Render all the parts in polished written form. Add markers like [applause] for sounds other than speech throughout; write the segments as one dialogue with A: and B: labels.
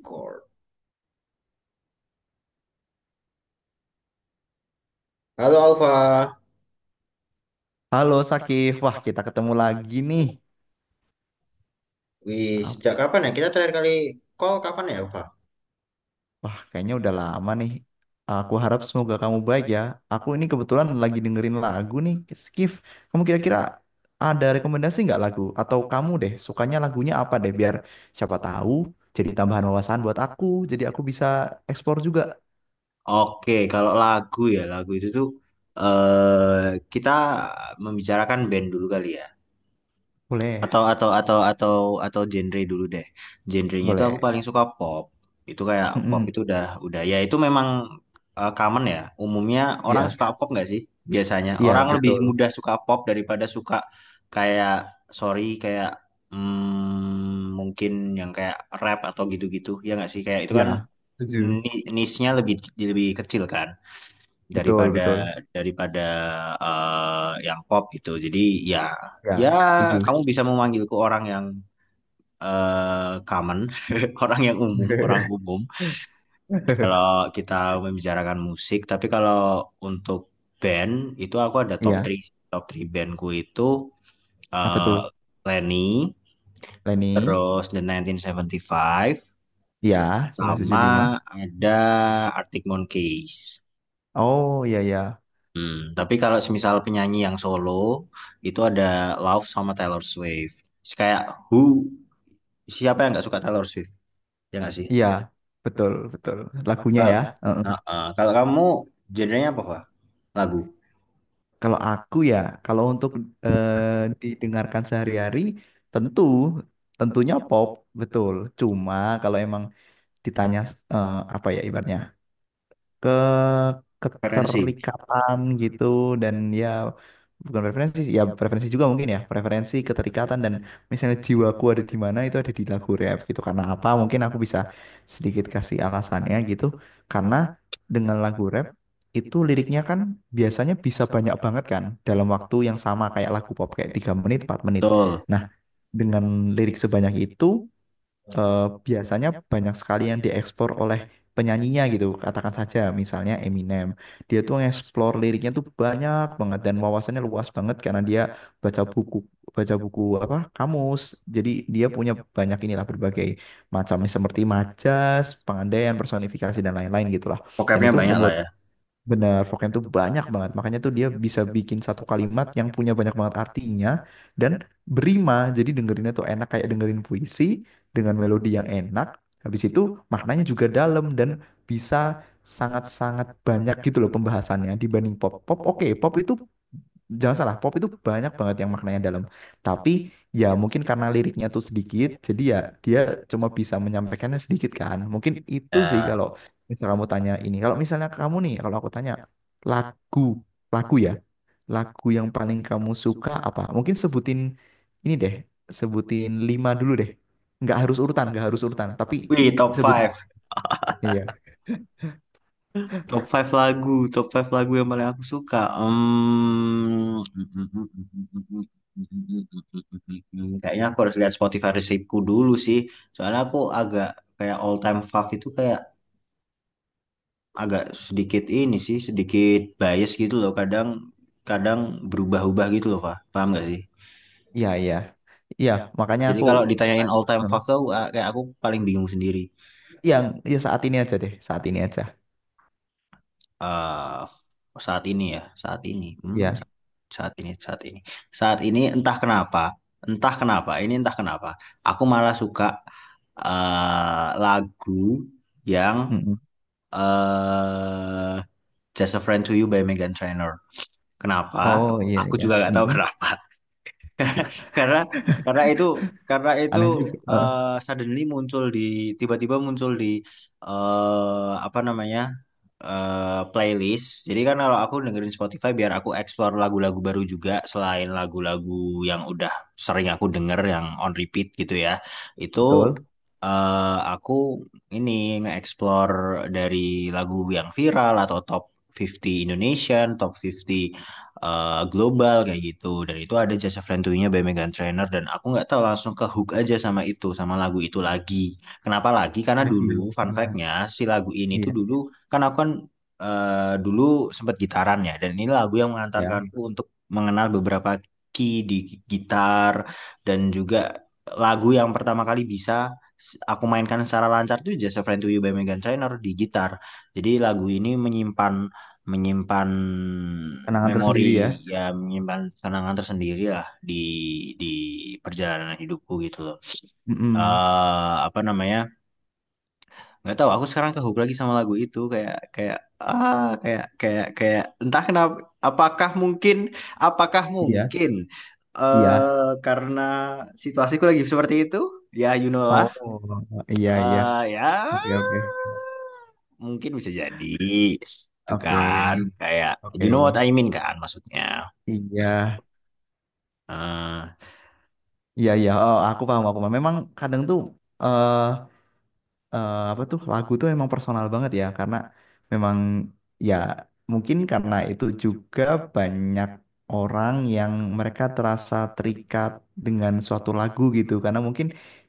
A: Record. Halo Alfa.
B: Halo Sakif, wah kita ketemu lagi nih.
A: Wih,
B: Apa
A: sejak kapan ya? Kita terakhir kali call kapan ya, Alfa?
B: kayaknya udah lama nih. Aku harap semoga kamu baik ya. Aku ini kebetulan lagi dengerin lagu nih, Sakif. Kamu kira-kira ada rekomendasi nggak lagu? Atau kamu deh sukanya lagunya apa deh? Biar siapa tahu jadi tambahan wawasan buat aku. Jadi aku bisa eksplor juga.
A: Oke, kalau lagu ya, lagu itu tuh eh kita membicarakan band dulu kali ya.
B: Boleh,
A: atau atau atau atau atau genre dulu deh, genrenya itu aku
B: boleh.
A: paling suka pop. Itu kayak pop
B: Mm-mm.
A: itu udah ya, itu memang common ya, umumnya orang
B: Iya,
A: suka pop nggak sih? Biasanya
B: iya
A: orang lebih
B: betul.
A: mudah suka pop daripada suka kayak, sorry, kayak mungkin yang kayak rap atau gitu-gitu ya nggak sih, kayak itu kan
B: Iya, setuju.
A: niche-nya lebih lebih kecil kan
B: Betul,
A: daripada
B: betul.
A: daripada yang pop gitu. Jadi ya, ya
B: Ya, setuju.
A: kamu bisa memanggilku orang yang common, [laughs] orang yang umum, orang umum.
B: [laughs]
A: Kalau kita membicarakan musik, tapi kalau untuk band itu aku ada top
B: Iya,
A: 3, bandku itu
B: apa tuh,
A: eh, Lenny,
B: Leni?
A: terus The 1975,
B: Ya, 5.
A: sama ada Arctic Monkeys.
B: Oh, iya ya.
A: Hmm, tapi kalau semisal penyanyi yang solo itu ada Love sama Taylor Swift. Kayak, who, siapa yang nggak suka Taylor Swift? Ya nggak sih?
B: Iya, betul, betul. Lagunya
A: Kalau
B: ya. Heeh.
A: heeh, kalau kamu genrenya apa, Pak? Lagu,
B: Kalau aku ya, kalau untuk didengarkan sehari-hari, tentu, tentunya pop, betul. Cuma kalau emang ditanya, apa ya, ibaratnya ke
A: preferensi.
B: keterikatan gitu, dan ya bukan preferensi sih, ya preferensi juga mungkin, ya preferensi keterikatan, dan misalnya jiwaku ada di mana, itu ada di lagu rap gitu. Karena apa, mungkin aku bisa sedikit kasih alasannya gitu. Karena dengan lagu rap itu liriknya kan biasanya bisa banyak banget kan dalam waktu yang sama, kayak lagu pop kayak 3 menit 4 menit.
A: Betul.
B: Nah, dengan lirik sebanyak itu, eh, biasanya banyak sekali yang diekspor oleh penyanyinya gitu. Katakan saja misalnya Eminem. Dia tuh ngeksplor liriknya tuh banyak banget dan wawasannya luas banget karena dia baca buku, baca buku apa kamus. Jadi dia punya banyak, inilah, berbagai macam seperti majas, pengandaian, personifikasi dan lain-lain gitulah. Dan
A: Vocabnya
B: itu
A: banyak lah
B: membuat
A: ya.
B: benar, Foken tuh banyak banget. Makanya tuh dia bisa bikin satu kalimat yang punya banyak banget artinya dan berima. Jadi dengerinnya tuh enak, kayak dengerin puisi dengan melodi yang enak. Habis itu maknanya juga dalam dan bisa sangat-sangat banyak gitu loh pembahasannya dibanding pop. Pop oke, pop itu jangan salah, pop itu banyak banget yang maknanya dalam, tapi ya mungkin karena liriknya tuh sedikit jadi ya dia cuma bisa menyampaikannya sedikit kan. Mungkin itu sih,
A: Ya.
B: kalau misal kamu tanya, ini kalau misalnya kamu nih, kalau aku tanya lagu, lagu ya, lagu yang paling kamu suka apa, mungkin sebutin, ini deh, sebutin 5 dulu deh, nggak harus urutan, nggak harus urutan tapi
A: Wih,
B: sebutin. Iya
A: Top 5 lagu yang paling aku suka. Hmm. [laughs] Kayaknya aku harus lihat Spotify receipt-ku dulu sih. Soalnya aku agak kayak all time fav itu kayak agak sedikit ini sih, sedikit bias gitu loh. Kadang kadang berubah-ubah gitu loh, Pak. Paham nggak sih?
B: iya iya iya, makanya
A: Jadi
B: aku.
A: kalau ditanyain all time
B: Hmm.
A: fav tuh ah, kayak aku paling bingung sendiri.
B: Yang ya saat ini aja deh, saat ini aja.
A: Eh, Saat ini ya, saat ini. Hmm,
B: Iya.
A: saat ini, saat ini. Saat ini entah kenapa, ini entah kenapa. Aku malah suka lagu yang
B: Mm-mm.
A: eh Just a Friend to You by Meghan Trainor. Kenapa?
B: Oh iya
A: Aku
B: iya.
A: juga nggak tahu
B: Mm-mm.
A: kenapa. [laughs] karena karena itu karena itu
B: Aneh juga. Eh,
A: eh, suddenly muncul di, tiba-tiba muncul di apa namanya, playlist. Jadi kan kalau aku dengerin Spotify biar aku explore lagu-lagu baru juga selain lagu-lagu yang udah sering aku denger yang on repeat gitu ya. Itu
B: betul.
A: aku ini nge-explore dari lagu yang viral atau top 50 Indonesian, top 50 global kayak gitu. Dan itu ada jasa friendly-nya by Megan Trainor dan aku nggak tahu langsung ke hook aja sama itu, sama lagu itu lagi. Kenapa lagi? Karena
B: Lagi
A: dulu fun
B: karena
A: fact-nya si lagu ini tuh
B: iya
A: dulu kan aku kan dulu sempat gitaran ya, dan ini lagu yang
B: iya
A: mengantarkanku untuk mengenal beberapa key di gitar, dan juga lagu yang pertama kali bisa aku mainkan secara lancar tuh Just a Friend to You by Megan Trainor di gitar. Jadi lagu ini menyimpan menyimpan
B: kenangan
A: memori,
B: tersendiri ya.
A: ya menyimpan kenangan tersendiri lah di di perjalanan hidupku gitu loh.
B: Mm-mm.
A: Apa namanya, nggak tahu aku sekarang kehook lagi sama lagu itu kayak kayak ah kayak kayak kayak entah kenapa, apakah mungkin apakah
B: Iya
A: mungkin
B: iya.
A: karena situasiku lagi seperti itu ya, you know lah.
B: Oh iya iya.
A: Ya
B: Oke oke
A: mungkin bisa jadi, itu
B: oke
A: kan kayak you know what
B: oke.
A: I mean kan, maksudnya.
B: Iya
A: Eh
B: iya iya. Oh aku paham, aku paham. Memang kadang tuh, eh apa tuh, lagu tuh emang personal banget ya, karena memang, ya mungkin karena itu juga banyak orang yang mereka terasa terikat dengan suatu lagu gitu, karena mungkin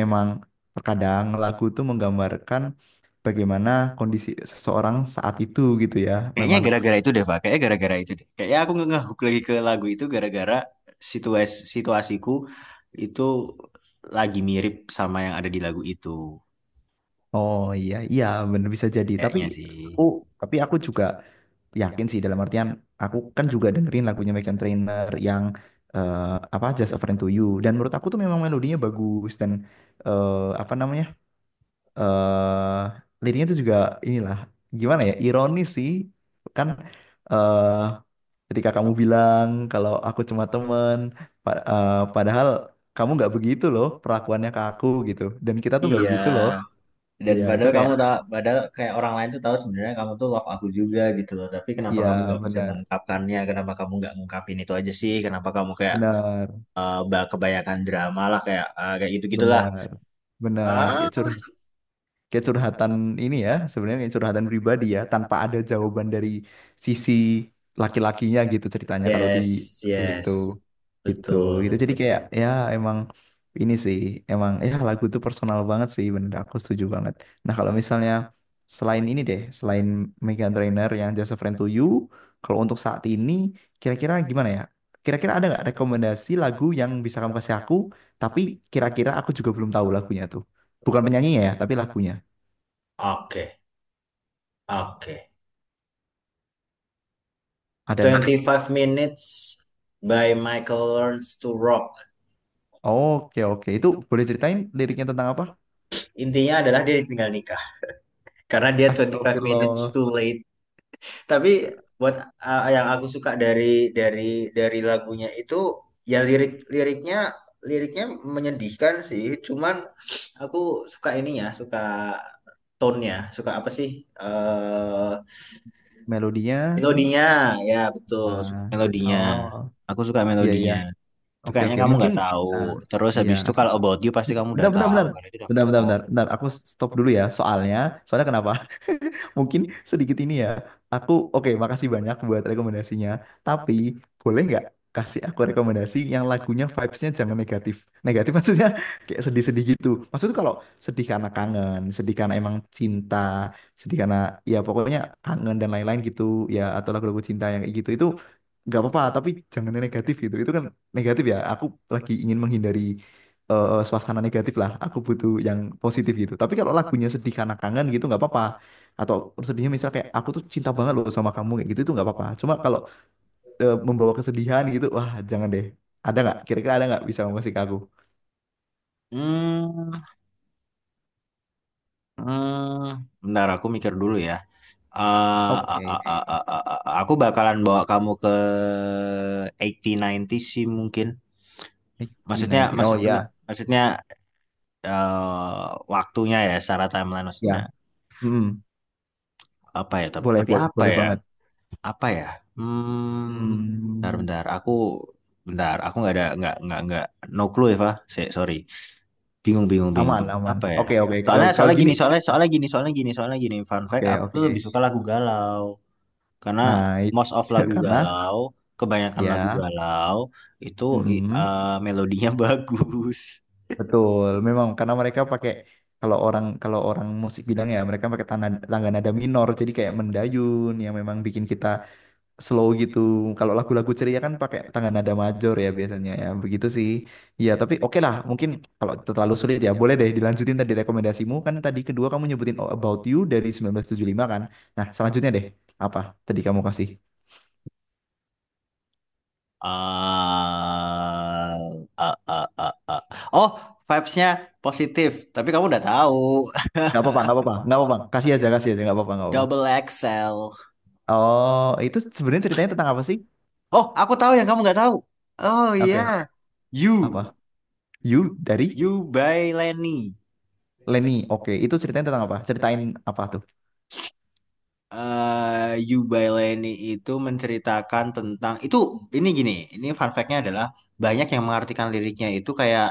B: emang terkadang lagu tuh menggambarkan bagaimana kondisi seseorang saat itu gitu ya.
A: Kayaknya
B: Memang,
A: gara-gara itu deh, Pak, kayaknya gara-gara itu deh kayaknya aku nggak ngehook lagi ke lagu itu gara-gara situasiku itu lagi mirip sama yang ada di lagu itu,
B: oh iya iya, bener bisa jadi. Tapi
A: kayaknya sih.
B: aku, tapi aku juga yakin sih, dalam artian aku kan juga dengerin lagunya Meghan Trainor yang, eh, apa, Just a Friend to You, dan menurut aku tuh memang melodinya bagus dan, eh, apa namanya, eh liriknya tuh juga, inilah, gimana ya, ironis sih kan, eh ketika kamu bilang kalau aku cuma temen, padahal kamu nggak begitu loh perlakuannya ke aku gitu, dan kita tuh nggak
A: Iya,
B: begitu loh.
A: dan
B: Iya itu
A: padahal
B: kayak,
A: kamu tahu, padahal kayak orang lain tuh tahu sebenarnya kamu tuh love aku juga gitu loh, tapi kenapa
B: iya
A: kamu nggak bisa
B: benar
A: mengungkapkannya, kenapa kamu nggak ngungkapin itu aja sih, kenapa kamu kayak
B: benar
A: bah kebanyakan drama lah kayak kayak gitu gitulah.
B: benar benar,
A: Ah,
B: kayak curhat, kayak curhatan. Ini ya sebenarnya kayak curhatan pribadi ya, tanpa ada jawaban dari sisi laki-lakinya gitu ceritanya kalau di
A: yes,
B: itu
A: yes,
B: gitu,
A: betul.
B: gitu jadi kayak ya emang, ini sih emang, ya lagu tuh personal banget sih, bener, aku setuju banget. Nah kalau misalnya selain ini deh, selain Meghan Trainor yang Just a Friend to You, kalau untuk saat ini kira-kira gimana ya, kira-kira ada nggak rekomendasi lagu yang bisa kamu kasih aku, tapi kira-kira aku juga belum tahu lagunya tuh. Bukan penyanyinya ya, tapi lagunya.
A: Oke, oke.
B: Ada nggak?
A: Twenty five minutes by Michael Learns to Rock,
B: Oke, oke. Itu boleh ceritain liriknya tentang apa?
A: intinya adalah dia ditinggal nikah karena dia 25 minutes
B: Astagfirullah.
A: too late. Tapi buat yang aku suka dari lagunya itu ya, liriknya menyedihkan sih. Cuman aku suka ininya, suka tone-nya, suka apa sih? eh
B: Melodinya.
A: Melodinya, ya betul,
B: Ah,
A: suka melodinya.
B: oh,
A: Aku suka
B: iya, iya.
A: melodinya. Itu
B: Oke,
A: kayaknya
B: oke.
A: kamu
B: Mungkin,
A: nggak tahu.
B: ah,
A: Terus
B: iya.
A: habis itu kalau About You pasti kamu
B: Bentar,
A: udah
B: bentar,
A: tahu
B: bentar.
A: karena itu udah
B: Bentar, bentar,
A: viral.
B: bentar. Bentar, aku stop dulu ya. Soalnya, soalnya kenapa? Mungkin sedikit ini ya. Aku oke, makasih banyak buat rekomendasinya. Tapi boleh nggak kasih aku rekomendasi yang lagunya vibes-nya jangan negatif. Negatif maksudnya [laughs] kayak sedih-sedih gitu. Maksudnya kalau sedih karena kangen, sedih karena emang cinta, sedih karena ya pokoknya kangen dan lain-lain gitu ya, atau lagu-lagu cinta yang kayak gitu itu nggak apa-apa, tapi jangan yang negatif gitu itu kan. Negatif ya, aku lagi ingin menghindari, suasana negatif lah, aku butuh yang positif gitu. Tapi kalau lagunya sedih karena kangen gitu nggak apa-apa, atau sedihnya misal kayak aku tuh cinta banget loh sama kamu kayak gitu itu nggak apa-apa. Cuma kalau, membawa kesedihan gitu, wah jangan deh. Ada nggak kira-kira, ada nggak bisa ngasih ke aku.
A: Hmm, bentar aku mikir dulu ya.
B: Oke,
A: Aku bakalan bawa kamu ke 80-90 sih mungkin. Maksudnya,
B: 19 oh ya
A: maksudnya eh, waktunya ya secara timeline
B: ya.
A: maksudnya,
B: Mm-mm.
A: apa ya?
B: Boleh
A: Tapi
B: boleh
A: apa
B: boleh
A: ya?
B: banget.
A: Apa ya? Hmm, bentar,
B: Hmm,
A: bentar. Aku bentar. Aku nggak ada nggak no clue ya, Pak. Sorry. Bingung, bingung, bingung,
B: aman
A: bingung.
B: aman,
A: Apa ya?
B: oke oke, kalau
A: Soalnya
B: kalau
A: soalnya
B: gini.
A: gini, soalnya soalnya gini, soalnya gini, soalnya gini. Fun fact,
B: Oke
A: aku
B: oke,
A: tuh lebih suka lagu galau. Karena
B: nah itu,
A: most of lagu
B: [laughs] karena
A: galau, kebanyakan lagu
B: ya,
A: galau itu
B: mm,
A: melodinya [laughs] bagus.
B: betul. Memang karena mereka pakai, kalau orang musik bilang ya, mereka pakai tanda, tangga nada minor, jadi kayak mendayun yang memang bikin kita slow gitu. Kalau lagu-lagu ceria kan pakai tangga nada major ya biasanya ya, begitu sih. Ya, tapi oke lah, mungkin kalau terlalu sulit ya boleh deh dilanjutin tadi rekomendasimu, kan tadi kedua kamu nyebutin All About You dari 1975 kan. Nah, selanjutnya deh apa tadi kamu kasih?
A: Ah, ah. Oh, vibes-nya positif. Tapi kamu udah tahu.
B: Gak apa-apa, gak apa-apa, gak apa-apa. Kasih aja, gak apa-apa, gak
A: [laughs]
B: apa-apa.
A: Double XL.
B: Oh, itu sebenarnya ceritanya tentang apa sih?
A: Oh, aku tahu yang kamu nggak tahu. Oh iya.
B: Oke,
A: You,
B: apa? You dari
A: You by Lenny.
B: Lenny. Oke, itu ceritanya tentang apa? Ceritain apa tuh?
A: Yubaileni itu menceritakan tentang itu, ini gini, ini fun fact-nya adalah banyak yang mengartikan liriknya itu kayak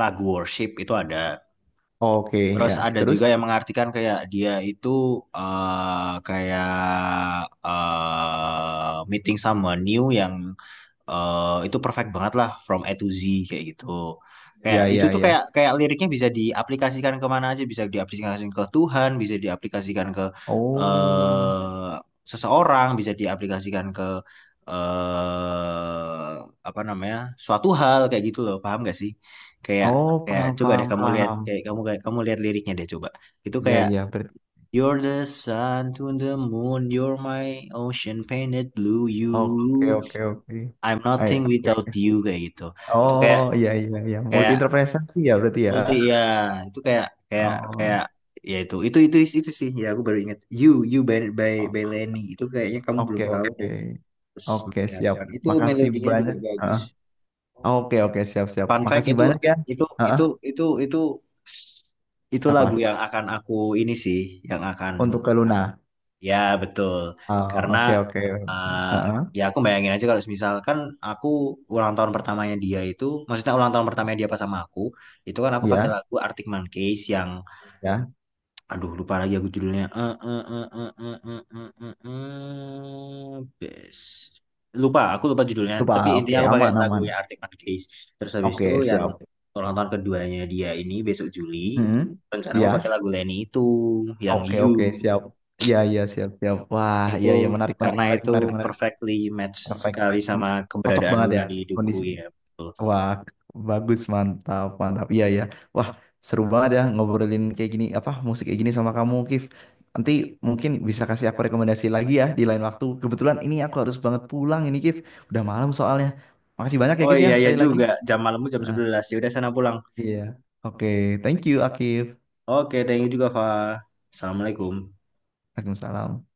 A: lagu worship itu ada.
B: Oke,
A: Terus
B: ya.
A: ada
B: Terus?
A: juga yang mengartikan kayak dia itu kayak meeting sama new yang itu perfect banget lah from A to Z kayak gitu. Kayak
B: Ya,
A: itu
B: ya,
A: tuh
B: ya.
A: kayak kayak liriknya bisa diaplikasikan kemana aja, bisa diaplikasikan ke Tuhan, bisa diaplikasikan ke
B: Oh,
A: eh seseorang, bisa diaplikasikan ke eh apa namanya, suatu hal kayak gitu loh, paham gak sih? Kayak
B: oh,
A: Kayak
B: paham,
A: coba deh
B: paham,
A: kamu lihat,
B: paham.
A: kayak kamu, lihat liriknya deh, coba. Itu
B: Ya,
A: kayak
B: ya. Berarti.
A: You're the sun to the moon, you're my ocean painted blue,
B: Oke,
A: you,
B: oke, oke.
A: I'm
B: Ah, ya,
A: nothing without
B: oke.
A: you, kayak gitu. Itu kayak
B: Oh, ya, ya, ya. Multi
A: kayak
B: interpretasi ya, berarti ya.
A: aku tuh ya, itu kayak kayak kayak,
B: Oh,
A: ya itu sih, ya aku baru ingat You You by
B: o-
A: by Lenny, itu kayaknya kamu belum
B: oke,
A: tahu
B: oke.
A: dan terus
B: Oke, siap.
A: mendengarkan itu
B: Makasih
A: melodinya juga
B: banyak.
A: bagus.
B: Heeh. Oke, oke, siap, siap.
A: Fun fact,
B: Makasih banyak ya.
A: itu
B: Heeh.
A: itu itu itu itu lagu
B: Apa?
A: yang akan aku ini sih yang akan.
B: Untuk ke Luna.
A: Ya, betul.
B: Ah,
A: Karena
B: oke, oke.
A: eh,
B: Heeh.
A: ya, aku bayangin aja kalau misalkan aku ulang tahun pertamanya dia itu, maksudnya ulang tahun pertamanya dia pas sama aku, itu kan aku pakai
B: Ya,
A: lagu Arctic Monkeys yang
B: ya.
A: aduh lupa lagi aku judulnya. Best. Lupa, aku lupa judulnya,
B: Lupa.
A: tapi
B: Ah, oke,
A: intinya aku pakai
B: aman aman.
A: lagunya Arctic Monkeys. Terus habis itu
B: Oke,
A: yang
B: siap.
A: ulang tahun keduanya dia ini besok Juli,
B: Hmm.
A: rencana mau pakai
B: Ya.
A: lagu Lenny itu yang
B: Oke,
A: You,
B: oke, siap. Ya, ya, siap, siap. Wah,
A: itu
B: ya, ya, menarik, menarik,
A: karena
B: menarik,
A: itu
B: menarik, menarik.
A: perfectly match
B: Perfect.
A: sekali
B: M-
A: sama
B: cocok
A: keberadaan
B: banget ya
A: Luna di Duku
B: kondisi.
A: ya. Betul.
B: Wah, bagus, mantap, mantap. Iya, ya. Wah, seru banget ya ngobrolin kayak gini, apa musik kayak gini sama kamu, Kif. Nanti mungkin bisa kasih aku rekomendasi lagi ya di lain waktu. Kebetulan ini aku harus banget pulang ini, Kif. Udah malam soalnya. Makasih banyak ya,
A: Oh
B: Kif ya,
A: iya, iya
B: sekali lagi.
A: juga, jam malammu jam
B: Ah,
A: sebelas Ya udah, sana pulang.
B: iya. Oke, thank you, Akif.
A: Oke, thank you juga, Fa. Assalamualaikum.
B: Waalaikumsalam.